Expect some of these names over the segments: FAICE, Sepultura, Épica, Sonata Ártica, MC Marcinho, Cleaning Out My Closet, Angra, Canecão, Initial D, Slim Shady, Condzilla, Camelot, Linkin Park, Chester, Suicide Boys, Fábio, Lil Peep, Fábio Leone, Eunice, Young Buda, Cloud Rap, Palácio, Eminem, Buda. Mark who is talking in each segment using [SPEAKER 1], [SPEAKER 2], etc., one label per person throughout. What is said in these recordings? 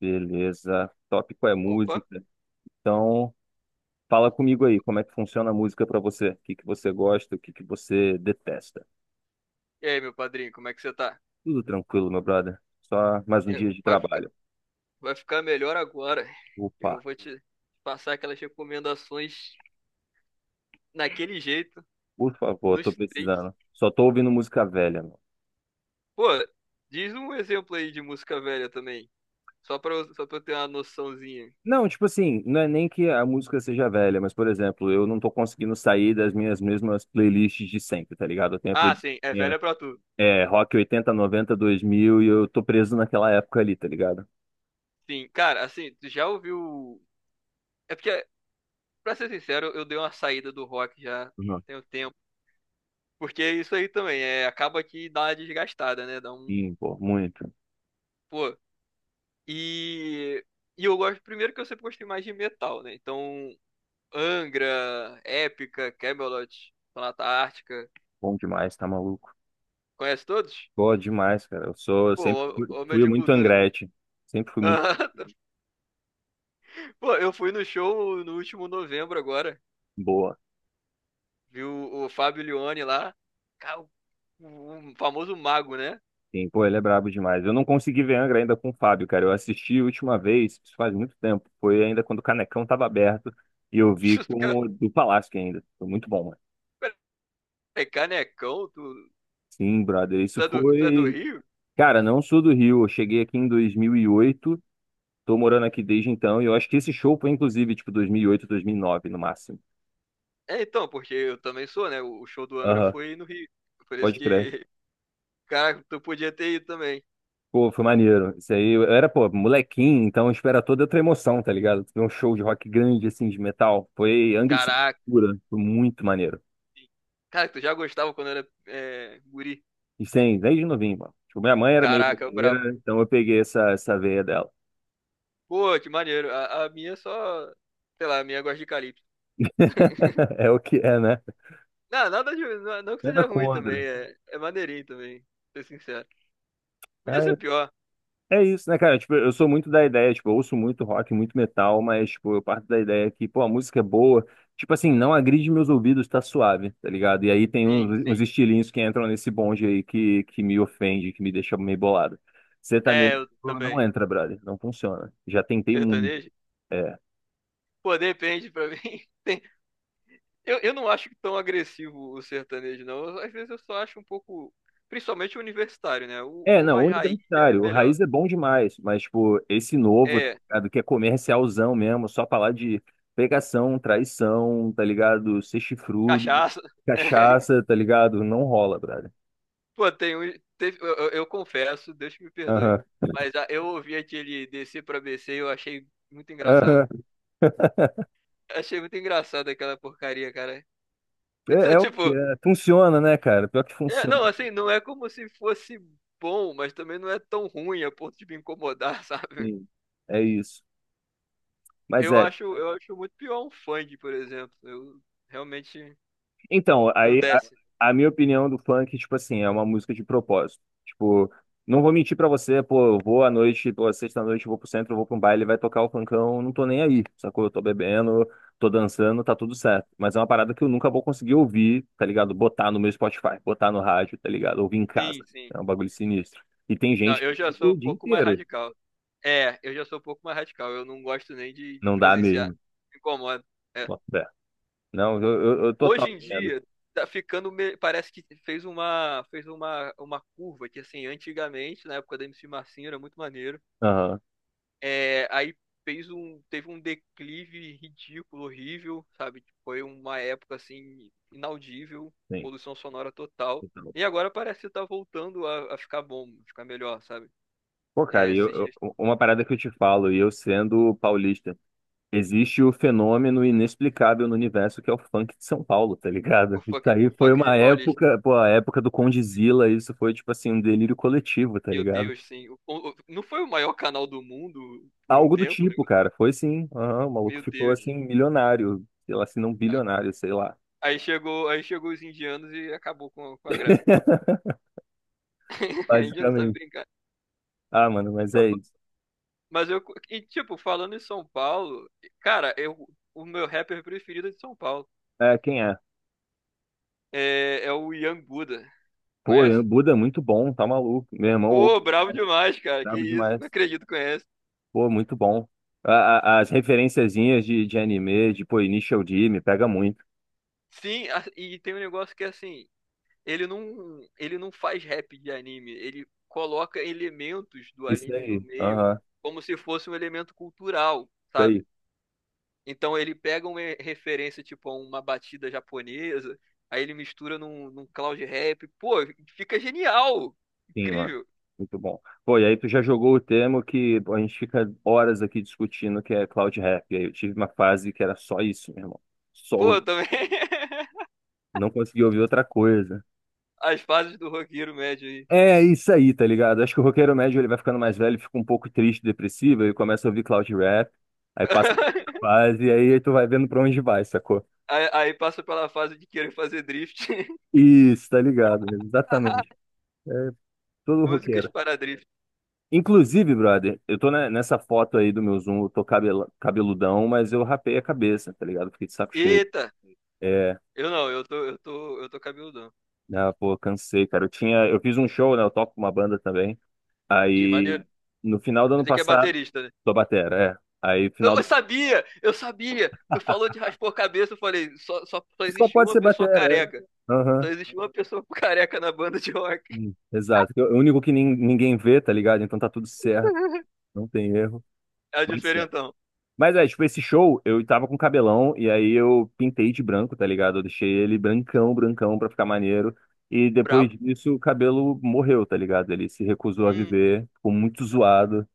[SPEAKER 1] Beleza. Tópico é
[SPEAKER 2] Opa,
[SPEAKER 1] música. Então, fala comigo aí, como é que funciona a música pra você? O que que você gosta, o que que você detesta?
[SPEAKER 2] e aí, meu padrinho, como é que você tá?
[SPEAKER 1] Tudo tranquilo, meu brother. Só mais um
[SPEAKER 2] É,
[SPEAKER 1] dia de
[SPEAKER 2] Vai ficar,
[SPEAKER 1] trabalho.
[SPEAKER 2] vai ficar melhor agora. Eu
[SPEAKER 1] Opa,
[SPEAKER 2] vou te passar aquelas recomendações naquele jeito,
[SPEAKER 1] por favor,
[SPEAKER 2] nos
[SPEAKER 1] tô
[SPEAKER 2] trinks.
[SPEAKER 1] precisando. Só tô ouvindo música velha, mano.
[SPEAKER 2] Pô, diz um exemplo aí de música velha também, só só pra eu ter uma noçãozinha.
[SPEAKER 1] Não, tipo assim, não é nem que a música seja velha, mas, por exemplo, eu não tô conseguindo sair das minhas mesmas playlists de sempre, tá ligado? Eu tenho a
[SPEAKER 2] Ah,
[SPEAKER 1] playlist
[SPEAKER 2] sim, é
[SPEAKER 1] minha,
[SPEAKER 2] velha pra tudo.
[SPEAKER 1] é, Rock 80 90 2000 e eu tô preso naquela época ali, tá ligado?
[SPEAKER 2] Sim, cara, assim, tu já ouviu... É porque, Pra ser sincero, eu dei uma saída do rock já
[SPEAKER 1] Uhum.
[SPEAKER 2] tem um tempo. Porque isso aí também, acaba que dá uma desgastada, né? Dá um...
[SPEAKER 1] Sim, pô, muito.
[SPEAKER 2] Pô, E, e eu gosto, primeiro que eu sempre gostei mais de metal, né? Então, Angra, Épica, Camelot, Sonata Ártica,
[SPEAKER 1] Bom demais, tá maluco.
[SPEAKER 2] conhece todos?
[SPEAKER 1] Boa demais, cara. Eu sou, eu
[SPEAKER 2] Pô,
[SPEAKER 1] sempre fui
[SPEAKER 2] homem
[SPEAKER 1] fui
[SPEAKER 2] de
[SPEAKER 1] muito
[SPEAKER 2] cultura.
[SPEAKER 1] Angrete. Sempre fui muito
[SPEAKER 2] Aham. Pô, eu fui no show no último novembro agora,
[SPEAKER 1] boa.
[SPEAKER 2] viu o Fábio Leone lá, Ca- o o famoso mago, né?
[SPEAKER 1] Sim, pô, ele é brabo demais. Eu não consegui ver Angra ainda com o Fábio, cara. Eu assisti a última vez, isso faz muito tempo. Foi ainda quando o Canecão tava aberto e eu vi
[SPEAKER 2] O Cara,
[SPEAKER 1] com o do Palácio ainda. Foi muito bom, mano.
[SPEAKER 2] peraí, canecão, tu,
[SPEAKER 1] Sim, brother. Isso
[SPEAKER 2] tu, é do, tu é do
[SPEAKER 1] foi.
[SPEAKER 2] Rio?
[SPEAKER 1] Cara, não sou do Rio. Eu cheguei aqui em 2008. Tô morando aqui desde então. E eu acho que esse show foi inclusive, tipo, 2008, 2009 no máximo.
[SPEAKER 2] É, então, porque eu também sou, né? O show do Angra
[SPEAKER 1] Aham,
[SPEAKER 2] foi no Rio. Por isso
[SPEAKER 1] pode crer.
[SPEAKER 2] que, cara, tu podia ter ido também.
[SPEAKER 1] Pô, foi maneiro. Isso aí, eu era, pô, molequinho, então espera toda outra emoção, tá ligado? Ver um show de rock grande, assim, de metal. Foi Angry
[SPEAKER 2] Caraca.
[SPEAKER 1] Sepultura. Foi muito maneiro.
[SPEAKER 2] Cara, tu já gostava quando era guri.
[SPEAKER 1] E sem, desde novinho, mano. Tipo, minha mãe era meio
[SPEAKER 2] Caraca, eu brabo.
[SPEAKER 1] roqueira, então eu peguei essa veia dela.
[SPEAKER 2] Pô, que maneiro. A minha só. Sei lá, a minha gosta de calypso.
[SPEAKER 1] É o que é, né?
[SPEAKER 2] Não, nada de. Não, não que
[SPEAKER 1] Nada
[SPEAKER 2] seja ruim também.
[SPEAKER 1] contra.
[SPEAKER 2] É maneirinho também. Pra ser sincero. Podia ser pior.
[SPEAKER 1] É isso, né, cara? Tipo, eu sou muito da ideia, tipo, eu ouço muito rock, muito metal, mas, tipo, eu parto da ideia que, pô, a música é boa, tipo assim, não agride meus ouvidos, tá suave, tá ligado? E aí tem
[SPEAKER 2] Sim,
[SPEAKER 1] uns, uns
[SPEAKER 2] sim.
[SPEAKER 1] estilinhos que entram nesse bonde aí que me ofende, que me deixa meio bolado.
[SPEAKER 2] É,
[SPEAKER 1] Sertanejo
[SPEAKER 2] eu
[SPEAKER 1] não
[SPEAKER 2] também.
[SPEAKER 1] entra, brother, não funciona. Já tentei muito.
[SPEAKER 2] Sertanejo.
[SPEAKER 1] É.
[SPEAKER 2] Pô, depende pra mim. Tem- eu não acho tão agressivo o sertanejo, não. Às vezes eu só acho um pouco. Principalmente o universitário, né? O,
[SPEAKER 1] É,
[SPEAKER 2] o
[SPEAKER 1] não,
[SPEAKER 2] mais raiz já é
[SPEAKER 1] universitário. O
[SPEAKER 2] melhor.
[SPEAKER 1] Raiz é bom demais, mas, tipo, esse novo, tá
[SPEAKER 2] É,
[SPEAKER 1] ligado? Que é comercialzão mesmo, só falar de pegação, traição, tá ligado? Ser chifrudo,
[SPEAKER 2] cachaça.
[SPEAKER 1] cachaça, tá ligado? Não rola, brother.
[SPEAKER 2] Pô, tem um. Eu confesso, Deus que me perdoe.
[SPEAKER 1] Aham,
[SPEAKER 2] Mas ah, eu ouvi aquele descer pra BC e eu achei muito engraçado.
[SPEAKER 1] aham.
[SPEAKER 2] Achei muito engraçado aquela porcaria, cara.
[SPEAKER 1] É,
[SPEAKER 2] Então,
[SPEAKER 1] é o que é. Funciona, né, cara? Pior que funciona.
[SPEAKER 2] não, assim, não é como se fosse bom, mas também não é tão ruim a ponto de me incomodar, sabe?
[SPEAKER 1] Sim, é isso. Mas é,
[SPEAKER 2] Eu acho muito pior um funk, por exemplo. Eu realmente
[SPEAKER 1] então,
[SPEAKER 2] não
[SPEAKER 1] aí
[SPEAKER 2] desce.
[SPEAKER 1] a, a minha opinião do funk, tipo assim, é uma música de propósito. Tipo, não vou mentir pra você, pô, eu vou à noite, pô, sexta-noite, eu vou pro centro, eu vou pra um baile, vai tocar o funkão, não tô nem aí, sacou? Eu tô bebendo, tô dançando, tá tudo certo. Mas é uma parada que eu nunca vou conseguir ouvir, tá ligado? Botar no meu Spotify, botar no rádio, tá ligado? Ouvir em casa.
[SPEAKER 2] Sim, sim.
[SPEAKER 1] É um bagulho sinistro. E tem
[SPEAKER 2] Não,
[SPEAKER 1] gente
[SPEAKER 2] eu
[SPEAKER 1] que
[SPEAKER 2] já
[SPEAKER 1] fica
[SPEAKER 2] sou
[SPEAKER 1] o
[SPEAKER 2] um
[SPEAKER 1] dia
[SPEAKER 2] pouco mais
[SPEAKER 1] inteiro.
[SPEAKER 2] radical. É, eu já sou um pouco mais radical. Eu não gosto nem de
[SPEAKER 1] Não dá
[SPEAKER 2] presenciar.
[SPEAKER 1] mesmo.
[SPEAKER 2] Me incomoda. É.
[SPEAKER 1] Bota fé. Não, eu
[SPEAKER 2] Hoje
[SPEAKER 1] total
[SPEAKER 2] em
[SPEAKER 1] entendo.
[SPEAKER 2] dia tá ficando parece que fez uma curva que assim antigamente na época da MC Marcinho era muito maneiro,
[SPEAKER 1] Aham,
[SPEAKER 2] aí fez um teve um declive ridículo, horrível, sabe, foi uma época assim inaudível,
[SPEAKER 1] sim.
[SPEAKER 2] poluição sonora total.
[SPEAKER 1] Então.
[SPEAKER 2] E agora parece que tá voltando a ficar melhor, sabe?
[SPEAKER 1] Pô, cara, e eu,
[SPEAKER 2] Esses
[SPEAKER 1] eu-
[SPEAKER 2] dias
[SPEAKER 1] uma parada que eu te falo, e eu sendo paulista, existe o fenômeno inexplicável no universo que é o funk de São Paulo, tá ligado? Isso aí
[SPEAKER 2] o
[SPEAKER 1] foi
[SPEAKER 2] funk de
[SPEAKER 1] uma
[SPEAKER 2] Paulista,
[SPEAKER 1] época, pô, a época do Condzilla, isso foi tipo assim, um delírio coletivo, tá
[SPEAKER 2] meu
[SPEAKER 1] ligado?
[SPEAKER 2] Deus, sim. Não foi o maior canal do mundo por um
[SPEAKER 1] Algo do
[SPEAKER 2] tempo, né?
[SPEAKER 1] tipo, cara, foi sim, aham, o maluco
[SPEAKER 2] Meu
[SPEAKER 1] ficou
[SPEAKER 2] Deus.
[SPEAKER 1] assim, milionário, sei lá, se não bilionário, sei lá,
[SPEAKER 2] Aí chegou os indianos e acabou com a graça. A Índia não sabe
[SPEAKER 1] basicamente.
[SPEAKER 2] brincar.
[SPEAKER 1] Ah, mano, mas
[SPEAKER 2] Não,
[SPEAKER 1] é isso.
[SPEAKER 2] mas eu. E, tipo, falando em São Paulo, cara, eu, o meu rapper preferido é de São Paulo,
[SPEAKER 1] É, quem é?
[SPEAKER 2] é o Young Buda.
[SPEAKER 1] Pô,
[SPEAKER 2] Conhece?
[SPEAKER 1] Buda é muito bom, tá maluco, meu irmão, ouve,
[SPEAKER 2] Pô, bravo demais, cara. Que
[SPEAKER 1] brabo
[SPEAKER 2] isso, não
[SPEAKER 1] demais.
[SPEAKER 2] acredito que conhece.
[SPEAKER 1] Pô, muito bom. As referenciazinhas de anime, de, pô, Initial D, me pega muito.
[SPEAKER 2] Sim, e tem um negócio que é assim, ele não faz rap de anime, ele coloca elementos do
[SPEAKER 1] Isso
[SPEAKER 2] anime no
[SPEAKER 1] aí,
[SPEAKER 2] meio
[SPEAKER 1] aham,
[SPEAKER 2] como se fosse um elemento cultural,
[SPEAKER 1] isso aí,
[SPEAKER 2] sabe? Então ele pega uma referência, tipo, a uma batida japonesa, aí ele mistura num cloud rap. Pô, fica genial!
[SPEAKER 1] sim, mano.
[SPEAKER 2] Incrível!
[SPEAKER 1] Muito bom. Pô, e aí tu já jogou o tema que pô, a gente fica horas aqui discutindo, que é Cloud Rap. E aí eu tive uma fase que era só isso, meu irmão. Só
[SPEAKER 2] Pô,
[SPEAKER 1] o-
[SPEAKER 2] também
[SPEAKER 1] não consegui ouvir outra coisa.
[SPEAKER 2] as fases do roqueiro médio aí.
[SPEAKER 1] É isso aí, tá ligado? Acho que o roqueiro médio ele vai ficando mais velho, fica um pouco triste, depressivo, aí começa a ouvir Cloud Rap, aí passa por essa fase, e aí tu vai vendo pra onde vai, sacou?
[SPEAKER 2] Aí passa pela fase de querer fazer drift.
[SPEAKER 1] Isso, tá ligado? Exatamente. É todo
[SPEAKER 2] Músicas
[SPEAKER 1] roqueiro.
[SPEAKER 2] para drift.
[SPEAKER 1] Inclusive, brother, eu tô nessa foto aí do meu Zoom, eu tô cabeludão, mas eu rapei a cabeça, tá ligado? Fiquei de saco cheio.
[SPEAKER 2] Eita!
[SPEAKER 1] É,
[SPEAKER 2] Eu não, eu tô cabeludão.
[SPEAKER 1] ah, pô, cansei, cara. Eu tinha, eu fiz um show, né? Eu toco com uma banda também.
[SPEAKER 2] Ih,
[SPEAKER 1] Aí,
[SPEAKER 2] maneiro.
[SPEAKER 1] no final do ano
[SPEAKER 2] Mas é que é
[SPEAKER 1] passado,
[SPEAKER 2] baterista, né?
[SPEAKER 1] sou batera, é. Aí, final
[SPEAKER 2] Eu
[SPEAKER 1] do.
[SPEAKER 2] sabia! Eu sabia! Tu falou de raspar a cabeça, eu falei, só
[SPEAKER 1] Só
[SPEAKER 2] existe
[SPEAKER 1] pode
[SPEAKER 2] uma
[SPEAKER 1] ser
[SPEAKER 2] pessoa
[SPEAKER 1] batera,
[SPEAKER 2] careca.
[SPEAKER 1] é.
[SPEAKER 2] Só
[SPEAKER 1] Aham.
[SPEAKER 2] existe uma pessoa careca na banda de rock.
[SPEAKER 1] Exato. É o único que ninguém vê, tá ligado? Então tá tudo certo, não tem erro.
[SPEAKER 2] É o
[SPEAKER 1] Mas
[SPEAKER 2] diferentão.
[SPEAKER 1] Mas é, tipo, esse show, eu tava com cabelão, e aí eu pintei de branco, tá ligado? Eu deixei ele brancão, brancão, pra ficar maneiro. E depois
[SPEAKER 2] Brabo.
[SPEAKER 1] disso, o cabelo morreu, tá ligado? Ele se recusou a
[SPEAKER 2] Hum,
[SPEAKER 1] viver, ficou muito zoado.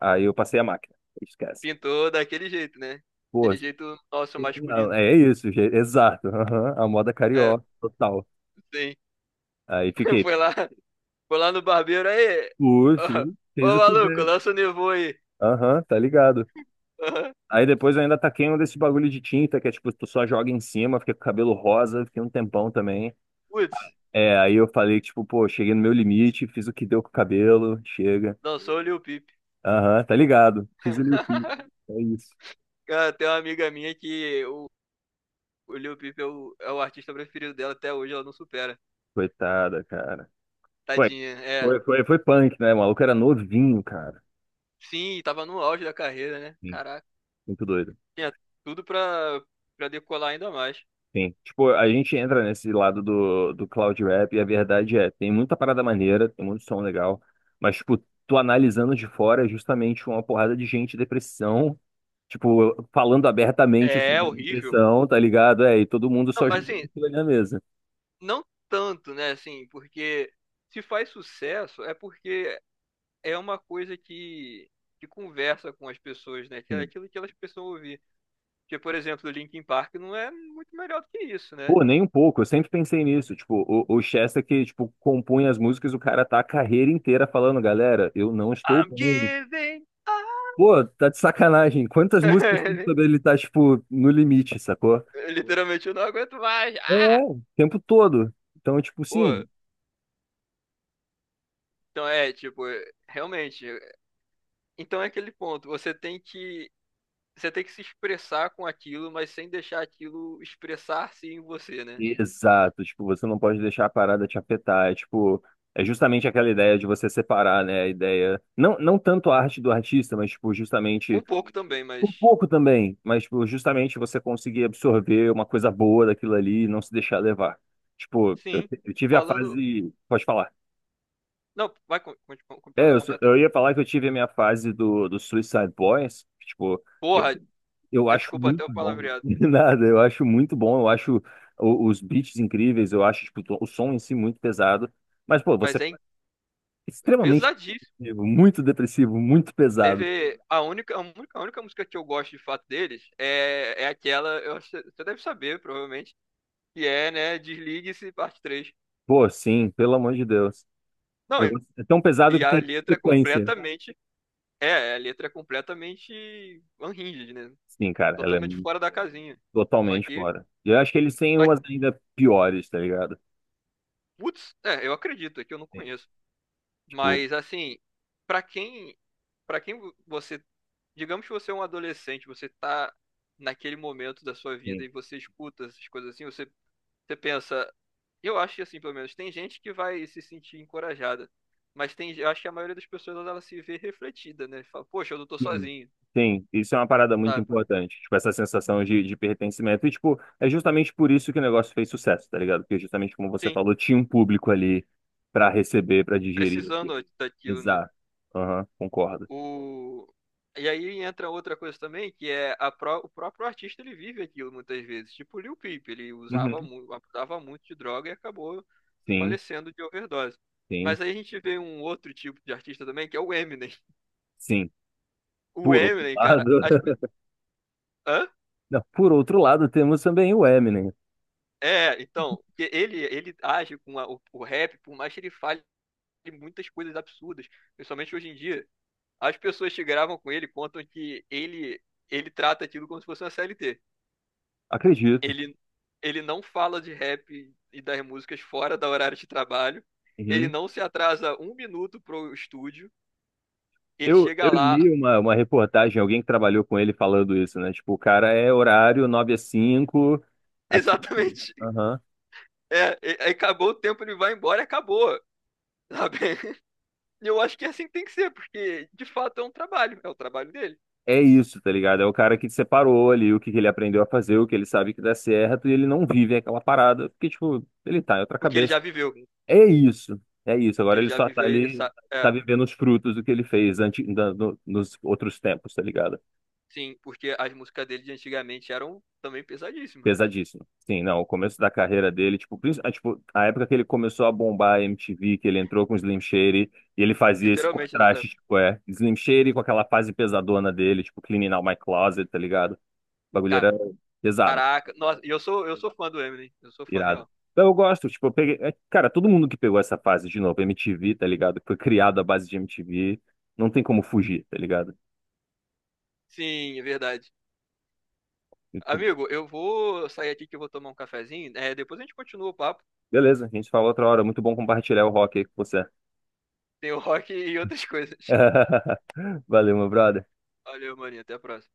[SPEAKER 1] Aí eu passei a máquina. Esquece.
[SPEAKER 2] pintou daquele jeito, né?
[SPEAKER 1] Pô,
[SPEAKER 2] Aquele jeito nosso masculino.
[SPEAKER 1] é isso, exato. Aham, a moda
[SPEAKER 2] É,
[SPEAKER 1] carioca, total.
[SPEAKER 2] sim.
[SPEAKER 1] Aí fiquei,
[SPEAKER 2] Foi lá, foi lá no barbeiro aí.
[SPEAKER 1] uf,
[SPEAKER 2] Ó,
[SPEAKER 1] fez
[SPEAKER 2] Ô,
[SPEAKER 1] o
[SPEAKER 2] maluco,
[SPEAKER 1] pivete.
[SPEAKER 2] lança o Nevô aí.
[SPEAKER 1] Aham, tá ligado.
[SPEAKER 2] Aham.
[SPEAKER 1] Aí depois eu ainda taquei um desses bagulho de tinta, que é tipo, tu só joga em cima, fica com o cabelo rosa, fiquei um tempão também.
[SPEAKER 2] Putz,
[SPEAKER 1] É, aí eu falei, tipo, pô, cheguei no meu limite, fiz o que deu com o cabelo, chega.
[SPEAKER 2] lançou o Lil Peep.
[SPEAKER 1] Aham, tá ligado. Fiz o meu fim. É isso.
[SPEAKER 2] Cara, tem uma amiga minha que o Lil Peep é é o artista preferido dela até hoje, ela não supera.
[SPEAKER 1] Coitada, cara. Foi,
[SPEAKER 2] Tadinha, é.
[SPEAKER 1] foi punk, né? O maluco era novinho, cara.
[SPEAKER 2] Sim, tava no auge da carreira, né?
[SPEAKER 1] Sim.
[SPEAKER 2] Caraca.
[SPEAKER 1] Muito doido.
[SPEAKER 2] Tinha tudo pra, pra decolar ainda mais.
[SPEAKER 1] Sim. Tipo, a gente entra nesse lado do, do cloud rap e a verdade é, tem muita parada maneira, tem muito som legal, mas, tipo, tu analisando de fora é justamente uma porrada de gente, depressão, tipo, falando abertamente
[SPEAKER 2] É
[SPEAKER 1] sobre a
[SPEAKER 2] horrível.
[SPEAKER 1] depressão, tá ligado? É, e todo mundo
[SPEAKER 2] Não,
[SPEAKER 1] só
[SPEAKER 2] mas
[SPEAKER 1] jogando
[SPEAKER 2] assim,
[SPEAKER 1] aquilo ali na mesa.
[SPEAKER 2] não tanto, né? Assim, porque se faz sucesso é porque é uma coisa que conversa com as pessoas, né? Que é
[SPEAKER 1] Sim.
[SPEAKER 2] aquilo que elas precisam ouvir. Porque, por exemplo, o Linkin Park não é muito melhor do que isso, né?
[SPEAKER 1] Pô, nem um pouco. Eu sempre pensei nisso. Tipo, o Chester que, tipo, compunha as músicas, o cara tá a carreira inteira falando, galera, eu não estou
[SPEAKER 2] I'm
[SPEAKER 1] bem.
[SPEAKER 2] giving up.
[SPEAKER 1] Pô, tá de sacanagem. Quantas músicas tem sobre ele tá, tipo, no limite, sacou?
[SPEAKER 2] Literalmente, eu não aguento mais. Ah!
[SPEAKER 1] É, o tempo todo. Então, tipo,
[SPEAKER 2] Pô,
[SPEAKER 1] sim.
[SPEAKER 2] então é, tipo, realmente. Então é aquele ponto. Você tem que se expressar com aquilo, mas sem deixar aquilo expressar-se em você, né?
[SPEAKER 1] Exato. Tipo, você não pode deixar a parada te afetar. É, tipo, é justamente aquela ideia de você separar, né? A ideia. Não, não tanto a arte do artista, mas, tipo,
[SPEAKER 2] Um
[SPEAKER 1] justamente.
[SPEAKER 2] pouco também, mas
[SPEAKER 1] Por pouco também, mas tipo, justamente você conseguir absorver uma coisa boa daquilo ali e não se deixar levar. Tipo,
[SPEAKER 2] sim.
[SPEAKER 1] eu tive a
[SPEAKER 2] Falando.
[SPEAKER 1] fase. Pode falar.
[SPEAKER 2] Não, vai,
[SPEAKER 1] É,
[SPEAKER 2] completa aí.
[SPEAKER 1] eu ia falar que eu tive a minha fase do, do Suicide Boys. Tipo, eu,
[SPEAKER 2] Porra,
[SPEAKER 1] eu
[SPEAKER 2] é,
[SPEAKER 1] acho
[SPEAKER 2] desculpa até
[SPEAKER 1] muito
[SPEAKER 2] o
[SPEAKER 1] bom.
[SPEAKER 2] palavreado.
[SPEAKER 1] Nada, eu acho muito bom. Eu acho os beats incríveis. Eu acho tipo, o som em si muito pesado. Mas, pô, você
[SPEAKER 2] Mas
[SPEAKER 1] é
[SPEAKER 2] é, é
[SPEAKER 1] extremamente
[SPEAKER 2] pesadíssimo.
[SPEAKER 1] depressivo, muito pesado.
[SPEAKER 2] Teve. A única música que eu gosto de fato deles é aquela. Eu, acho que você deve saber, provavelmente. Que é, né? Desligue-se, parte três.
[SPEAKER 1] Pô, sim, pelo amor de Deus. O
[SPEAKER 2] Não,
[SPEAKER 1] negócio é tão pesado
[SPEAKER 2] e
[SPEAKER 1] que
[SPEAKER 2] a
[SPEAKER 1] tem
[SPEAKER 2] letra é
[SPEAKER 1] sequência.
[SPEAKER 2] completamente. É, a letra é completamente unhinged, né?
[SPEAKER 1] Sim, cara, ela é
[SPEAKER 2] Totalmente fora da casinha. Só
[SPEAKER 1] totalmente
[SPEAKER 2] que,
[SPEAKER 1] fora. E eu acho que eles têm
[SPEAKER 2] só
[SPEAKER 1] umas
[SPEAKER 2] que,
[SPEAKER 1] ainda piores, tá ligado?
[SPEAKER 2] putz, é, eu acredito, é que eu não
[SPEAKER 1] Sim.
[SPEAKER 2] conheço.
[SPEAKER 1] Tipo,
[SPEAKER 2] Mas assim, pra quem, para quem você, digamos que você é um adolescente, você tá naquele momento da sua vida
[SPEAKER 1] sim.
[SPEAKER 2] e você escuta essas coisas assim, você pensa, eu acho que assim, pelo menos tem gente que vai se sentir encorajada, mas tem, eu acho que a maioria das pessoas ela se vê refletida, né? Fala, poxa, eu não tô
[SPEAKER 1] Sim,
[SPEAKER 2] sozinho,
[SPEAKER 1] sim. Isso é uma parada muito
[SPEAKER 2] sabe?
[SPEAKER 1] importante. Tipo, essa sensação de pertencimento. E, tipo, é justamente por isso que o negócio fez sucesso, tá ligado? Porque justamente como você
[SPEAKER 2] Sim,
[SPEAKER 1] falou, tinha um público ali pra receber, pra digerir.
[SPEAKER 2] precisando daquilo, né?
[SPEAKER 1] Exato. Aham, concordo.
[SPEAKER 2] O... E aí entra outra coisa também, que é o próprio artista ele vive aquilo muitas vezes. Tipo o Lil Peep, ele usava
[SPEAKER 1] Uhum.
[SPEAKER 2] muito, abusava muito de droga e acabou
[SPEAKER 1] Sim,
[SPEAKER 2] falecendo de overdose.
[SPEAKER 1] sim,
[SPEAKER 2] Mas aí a gente vê um outro tipo de artista também, que é o Eminem.
[SPEAKER 1] sim.
[SPEAKER 2] O
[SPEAKER 1] Por outro
[SPEAKER 2] Eminem, cara,
[SPEAKER 1] lado,
[SPEAKER 2] hã?
[SPEAKER 1] não, por outro lado, temos também o Eminem.
[SPEAKER 2] É, então, que ele age com o rap, por mais que ele fale muitas coisas absurdas, principalmente hoje em dia, as pessoas que gravam com ele contam que ele trata aquilo como se fosse uma CLT.
[SPEAKER 1] Acredito.
[SPEAKER 2] Ele, ele não fala de rap e das músicas fora da horário de trabalho. Ele
[SPEAKER 1] Uhum.
[SPEAKER 2] não se atrasa um minuto pro estúdio. Ele
[SPEAKER 1] Eu,
[SPEAKER 2] chega
[SPEAKER 1] eu
[SPEAKER 2] lá,
[SPEAKER 1] li uma reportagem, alguém que trabalhou com ele falando isso, né? Tipo, o cara é horário 9 às 5 aqui.
[SPEAKER 2] exatamente.
[SPEAKER 1] Aham.
[SPEAKER 2] É, acabou o tempo, ele vai embora e acabou. Sabe? E eu acho que assim tem que ser, porque de fato é um trabalho, é o trabalho dele.
[SPEAKER 1] É isso, tá ligado? É o cara que separou ali o que que ele aprendeu a fazer, o que ele sabe que dá certo, e ele não vive aquela parada, porque, tipo, ele tá em outra
[SPEAKER 2] Porque ele
[SPEAKER 1] cabeça.
[SPEAKER 2] já viveu. Porque
[SPEAKER 1] É isso, é isso. Agora
[SPEAKER 2] ele
[SPEAKER 1] ele
[SPEAKER 2] já
[SPEAKER 1] só tá
[SPEAKER 2] viveu, ele
[SPEAKER 1] ali,
[SPEAKER 2] sabe. É,
[SPEAKER 1] tá vivendo os frutos do que ele fez antes, nos outros tempos, tá ligado?
[SPEAKER 2] sim, porque as músicas dele de antigamente eram também pesadíssimas.
[SPEAKER 1] Pesadíssimo. Sim, não, o começo da carreira dele, tipo, tipo, a época que ele começou a bombar a MTV, que ele entrou com o Slim Shady, e ele fazia esse
[SPEAKER 2] Literalmente, nessa
[SPEAKER 1] contraste, tipo, é, Slim Shady com aquela fase pesadona dele, tipo, Cleaning Out My Closet, tá ligado? O bagulho
[SPEAKER 2] época.
[SPEAKER 1] era pesado,
[SPEAKER 2] Caraca, nossa, eu sou fã do Eminem, eu sou fã
[SPEAKER 1] irado.
[SPEAKER 2] real.
[SPEAKER 1] Então eu gosto, tipo, eu peguei, é, cara, todo mundo que pegou essa fase de novo, MTV, tá ligado? Foi criado à base de MTV, não tem como fugir, tá ligado?
[SPEAKER 2] Sim, é verdade.
[SPEAKER 1] E tu-
[SPEAKER 2] Amigo, eu vou sair aqui que eu vou tomar um cafezinho. É, depois a gente continua o papo.
[SPEAKER 1] Beleza, a gente fala outra hora, muito bom compartilhar o rock aí com você.
[SPEAKER 2] Tem o rock e outras coisas.
[SPEAKER 1] Valeu, meu brother.
[SPEAKER 2] Valeu, maninho. Até a próxima.